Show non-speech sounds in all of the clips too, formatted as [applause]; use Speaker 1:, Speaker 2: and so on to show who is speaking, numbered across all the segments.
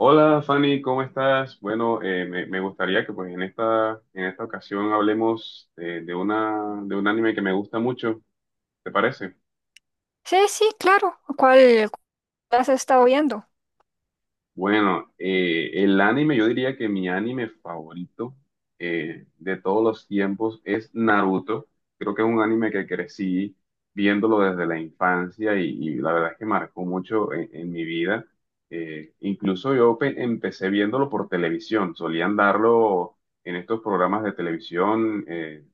Speaker 1: Hola Fanny, ¿cómo estás? Bueno, me gustaría que pues en esta ocasión hablemos de una, de un anime que me gusta mucho, ¿te parece?
Speaker 2: Sí, sí, claro. ¿Cuál has estado viendo?
Speaker 1: Bueno, el anime, yo diría que mi anime favorito de todos los tiempos es Naruto. Creo que es un anime que crecí viéndolo desde la infancia y la verdad es que marcó mucho en mi vida. Incluso empecé viéndolo por televisión. Solían darlo en estos programas de televisión.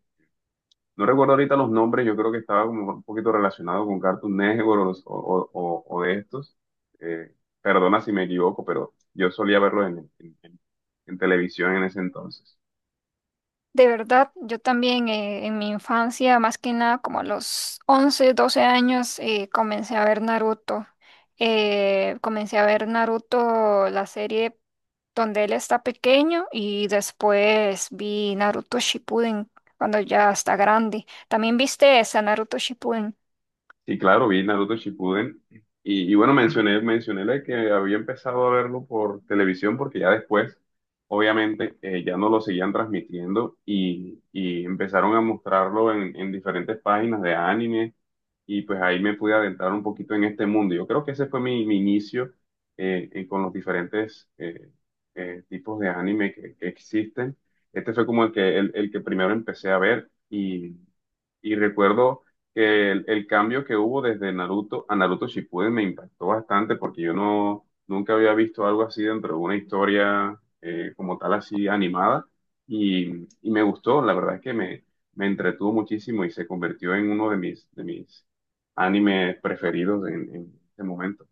Speaker 1: No recuerdo ahorita los nombres, yo creo que estaba como un poquito relacionado con Cartoon Network o, o de estos. Eh, Perdona si me equivoco, pero yo solía verlos en, en televisión en ese entonces.
Speaker 2: De verdad, yo también en mi infancia, más que nada como a los 11, 12 años, comencé a ver Naruto. Comencé a ver Naruto, la serie donde él está pequeño, y después vi Naruto Shippuden cuando ya está grande. ¿También viste esa Naruto Shippuden?
Speaker 1: Sí, claro, vi Naruto Shippuden. Y bueno, mencioné la que había empezado a verlo por televisión porque ya después, obviamente, ya no lo seguían transmitiendo y empezaron a mostrarlo en diferentes páginas de anime y pues ahí me pude adentrar un poquito en este mundo. Yo creo que ese fue mi inicio con los diferentes tipos de anime que existen. Este fue como el que, el que primero empecé a ver. Y... Y recuerdo que el cambio que hubo desde Naruto a Naruto Shippuden me impactó bastante porque yo no nunca había visto algo así dentro de una historia como tal así animada y me gustó, la verdad es que me entretuvo muchísimo y se convirtió en uno de mis animes preferidos en este momento.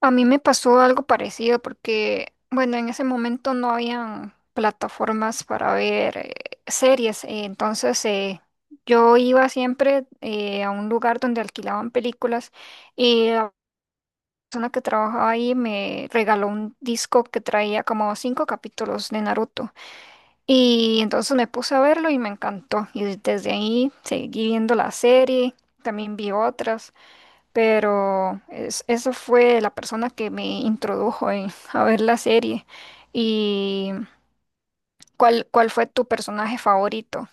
Speaker 2: A mí me pasó algo parecido porque, bueno, en ese momento no habían plataformas para ver series, entonces yo iba siempre a un lugar donde alquilaban películas y la persona que trabajaba ahí me regaló un disco que traía como cinco capítulos de Naruto y entonces me puse a verlo y me encantó y desde ahí seguí viendo la serie, también vi otras pero eso fue la persona que me introdujo [laughs] a ver la serie. ¿Y cuál fue tu personaje favorito?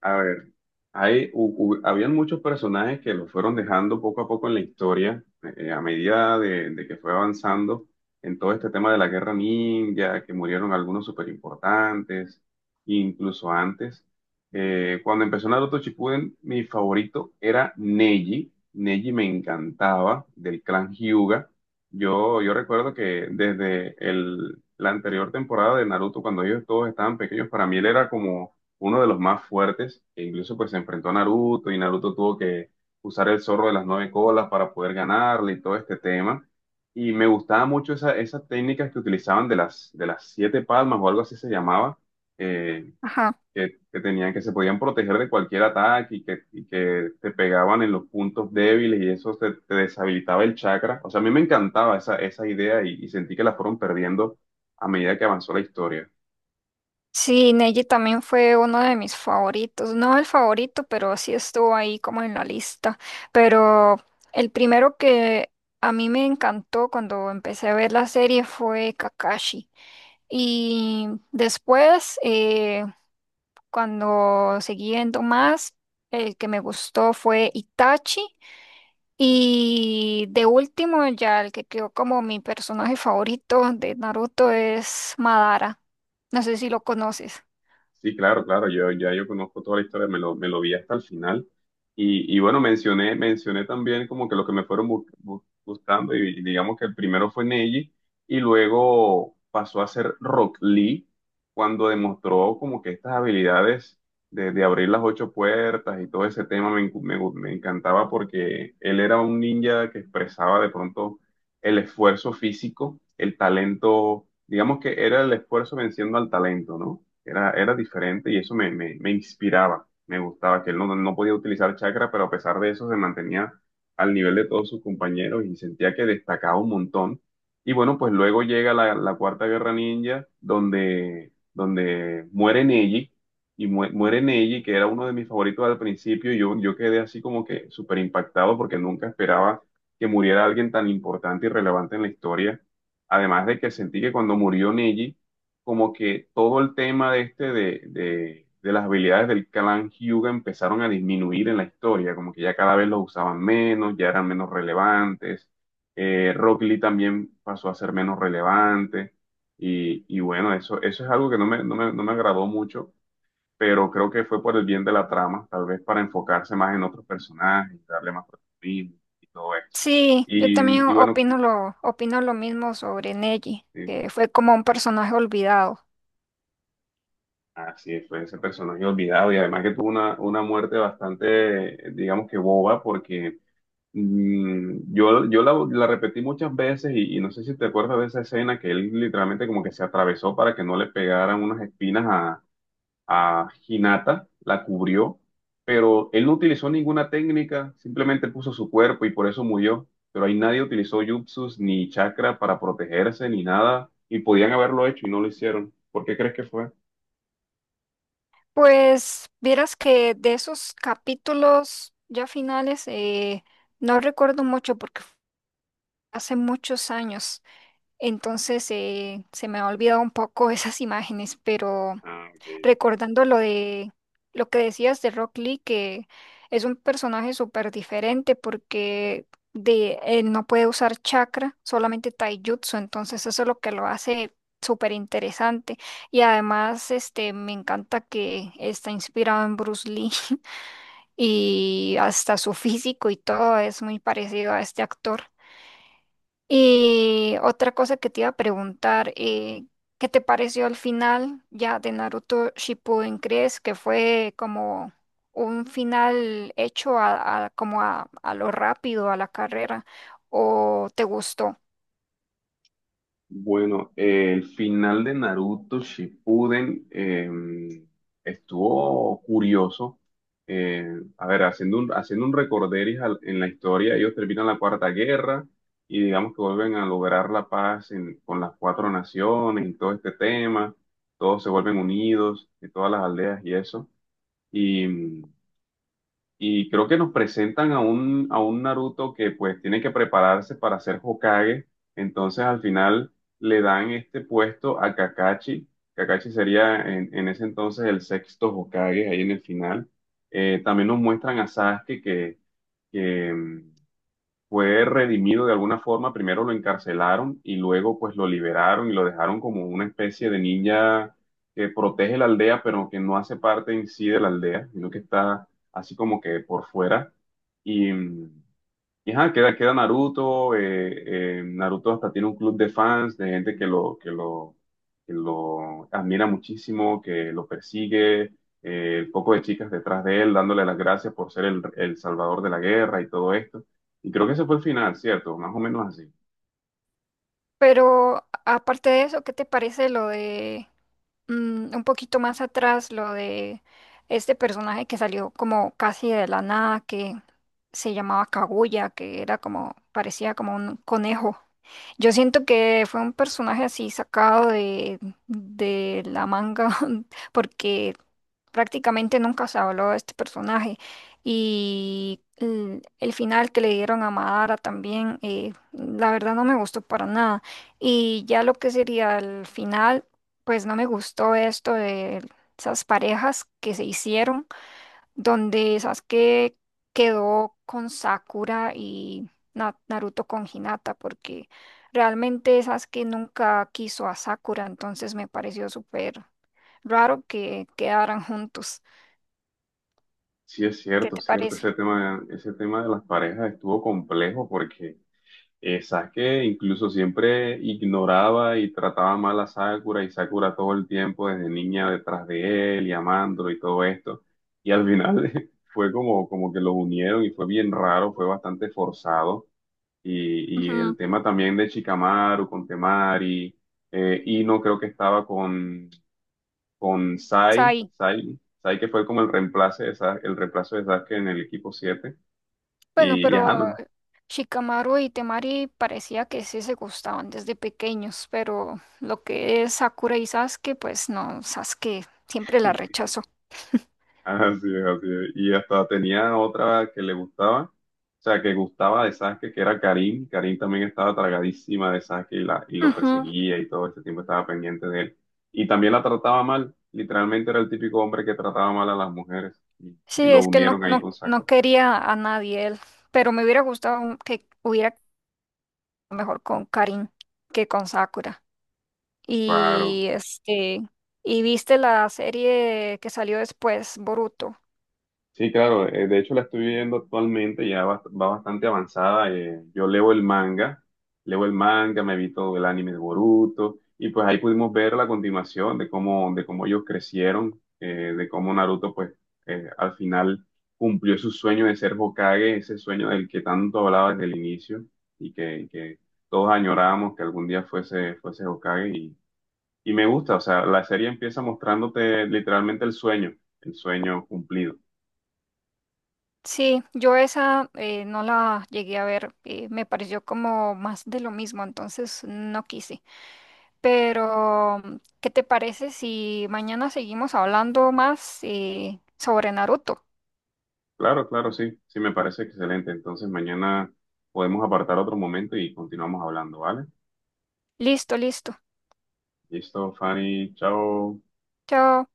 Speaker 1: A ver, habían muchos personajes que lo fueron dejando poco a poco en la historia, a medida de que fue avanzando en todo este tema de la guerra ninja, que murieron algunos súper importantes, incluso antes. Cuando empezó Naruto Shippuden, mi favorito era Neji. Neji me encantaba, del clan Hyuga. Yo recuerdo que desde el, la anterior temporada de Naruto, cuando ellos todos estaban pequeños, para mí él era como uno de los más fuertes, que incluso pues se enfrentó a Naruto y Naruto tuvo que usar el zorro de las nueve colas para poder ganarle y todo este tema. Y me gustaba mucho esa, esas técnicas que utilizaban de las siete palmas o algo así se llamaba, eh,
Speaker 2: Ajá.
Speaker 1: que tenían, que se podían proteger de cualquier ataque y que te pegaban en los puntos débiles y eso te, te deshabilitaba el chakra. O sea, a mí me encantaba esa, esa idea y sentí que la fueron perdiendo a medida que avanzó la historia.
Speaker 2: Sí, Neji también fue uno de mis favoritos. No el favorito, pero sí estuvo ahí como en la lista. Pero el primero que a mí me encantó cuando empecé a ver la serie fue Kakashi. Y después, cuando seguí viendo más, el que me gustó fue Itachi. Y de último, ya el que quedó como mi personaje favorito de Naruto es Madara. No sé si lo conoces.
Speaker 1: Sí, claro, claro, yo ya yo conozco toda la historia, me lo vi hasta el final. Y bueno, mencioné también como que lo que me fueron gustando, y digamos que el primero fue Neji, y luego pasó a ser Rock Lee, cuando demostró como que estas habilidades de abrir las ocho puertas y todo ese tema me, encu- me, gu- me encantaba porque él era un ninja que expresaba de pronto el esfuerzo físico, el talento, digamos que era el esfuerzo venciendo al talento, ¿no? Era diferente y eso me inspiraba, me gustaba, que él no, no podía utilizar chakra, pero a pesar de eso se mantenía al nivel de todos sus compañeros y sentía que destacaba un montón. Y bueno, pues luego llega la, la Cuarta Guerra Ninja, donde, donde muere Neji, y muere Neji, que era uno de mis favoritos al principio, y yo quedé así como que súper impactado porque nunca esperaba que muriera alguien tan importante y relevante en la historia. Además de que sentí que cuando murió Neji, como que todo el tema de de las habilidades del clan Hyuga empezaron a disminuir en la historia, como que ya cada vez los usaban menos, ya eran menos relevantes. Rock Lee también pasó a ser menos relevante. Y bueno, eso es algo que no me agradó mucho, pero creo que fue por el bien de la trama, tal vez para enfocarse más en otros personajes, darle más protagonismo y todo esto.
Speaker 2: Sí, yo también
Speaker 1: Y bueno,
Speaker 2: opino lo mismo sobre Neji,
Speaker 1: eh,
Speaker 2: que fue como un personaje olvidado.
Speaker 1: así es, fue ese personaje olvidado y además que tuvo una muerte bastante, digamos que boba, porque yo la, la repetí muchas veces y no sé si te acuerdas de esa escena que él literalmente como que se atravesó para que no le pegaran unas espinas a Hinata, la cubrió, pero él no utilizó ninguna técnica, simplemente puso su cuerpo y por eso murió, pero ahí nadie utilizó jutsus ni chakra para protegerse ni nada y podían haberlo hecho y no lo hicieron. ¿Por qué crees que fue?
Speaker 2: Pues vieras que de esos capítulos ya finales no recuerdo mucho porque fue hace muchos años. Entonces se me ha olvidado un poco [laughs] esas imágenes, pero
Speaker 1: Ah, ok. Ok.
Speaker 2: recordando lo de lo que decías de Rock Lee, que es un personaje súper diferente porque él no puede usar chakra, solamente taijutsu, entonces eso es lo que lo hace súper interesante. Y además este, me encanta que está inspirado en Bruce Lee [laughs] y hasta su físico y todo es muy parecido a este actor. Y otra cosa que te iba a preguntar, ¿qué te pareció al final ya de Naruto Shippuden? ¿Crees que fue como un final hecho como a lo rápido, a la carrera, o te gustó?
Speaker 1: Bueno, el final de Naruto Shippuden estuvo curioso. Eh, a ver, haciendo un recorderis en la historia, ellos terminan la Cuarta Guerra y digamos que vuelven a lograr la paz con las cuatro naciones y todo este tema. Todos se vuelven unidos, de todas las aldeas y eso. Y creo que nos presentan a un Naruto que pues tiene que prepararse para ser Hokage. Entonces al final le dan este puesto a Kakashi. Kakashi sería en ese entonces el sexto Hokage ahí en el final. También nos muestran a Sasuke que, que, mm, fue redimido de alguna forma, primero lo encarcelaron y luego pues lo liberaron y lo dejaron como una especie de ninja que protege la aldea, pero que no hace parte en sí de la aldea, sino que está así como que por fuera. Y, y ajá, queda, queda Naruto, Naruto hasta tiene un club de fans, de gente que lo, que lo admira muchísimo, que lo persigue, poco de chicas detrás de él, dándole las gracias por ser el salvador de la guerra y todo esto. Y creo que ese fue el final, ¿cierto? Más o menos así.
Speaker 2: Pero aparte de eso, ¿qué te parece lo de un poquito más atrás lo de este personaje que salió como casi de la nada, que se llamaba Kaguya, que era como, parecía como un conejo. Yo siento que fue un personaje así sacado de la manga, [laughs] porque prácticamente nunca se habló de este personaje. Y el final que le dieron a Madara también, la verdad no me gustó para nada. Y ya lo que sería el final, pues no me gustó esto de esas parejas que se hicieron, donde Sasuke quedó con Sakura y Naruto con Hinata, porque realmente Sasuke nunca quiso a Sakura, entonces me pareció súper raro que quedaran juntos.
Speaker 1: Sí, es
Speaker 2: ¿Qué
Speaker 1: cierto,
Speaker 2: te
Speaker 1: cierto.
Speaker 2: parece?
Speaker 1: Ese tema de las parejas estuvo complejo porque Sasuke incluso siempre ignoraba y trataba mal a Sakura y Sakura todo el tiempo desde niña detrás de él y amándolo y todo esto. Y al final [laughs] fue como, como que los unieron y fue bien raro, fue bastante forzado. Y
Speaker 2: Ujú,
Speaker 1: el tema también de Shikamaru con Temari, Ino creo que estaba con Sai,
Speaker 2: Sai.
Speaker 1: Sai que fue como el reemplazo de el reemplazo de Sasuke en el equipo siete.
Speaker 2: Bueno,
Speaker 1: Y
Speaker 2: pero
Speaker 1: ajá, no,
Speaker 2: Shikamaru y Temari parecía que sí se gustaban desde pequeños, pero lo que es Sakura y Sasuke, pues no, Sasuke siempre la rechazó.
Speaker 1: así es, así es. Y hasta tenía otra que le gustaba, o sea, que gustaba de Sasuke, que era Karim. Karim también estaba tragadísima de Sasuke y, y lo
Speaker 2: Ujú.
Speaker 1: perseguía y todo este tiempo estaba pendiente de él. Y también la trataba mal, literalmente era el típico hombre que trataba mal a las mujeres.
Speaker 2: Sí,
Speaker 1: Y lo
Speaker 2: es que él no,
Speaker 1: unieron ahí
Speaker 2: no,
Speaker 1: con
Speaker 2: no
Speaker 1: Sakura.
Speaker 2: quería a nadie él, pero me hubiera gustado que hubiera quedado mejor con Karin que con Sakura.
Speaker 1: Claro.
Speaker 2: Y este, ¿y viste la serie que salió después, Boruto?
Speaker 1: Sí, claro, de hecho la estoy viendo actualmente, ya va, va bastante avanzada. Yo leo el manga, me vi todo el anime de Boruto, y pues ahí pudimos ver la continuación de cómo ellos crecieron, de cómo Naruto pues al final cumplió su sueño de ser Hokage, ese sueño del que tanto hablaba desde el inicio y que todos añorábamos que algún día fuese Hokage. Y me gusta, o sea, la serie empieza mostrándote literalmente el sueño cumplido.
Speaker 2: Sí, yo esa no la llegué a ver, me pareció como más de lo mismo, entonces no quise. Pero, ¿qué te parece si mañana seguimos hablando más sobre Naruto?
Speaker 1: Claro, claro, sí, sí, me parece excelente. Entonces mañana podemos apartar otro momento y continuamos hablando, ¿vale?
Speaker 2: Listo, listo.
Speaker 1: Listo, Fanny, chao.
Speaker 2: Chao.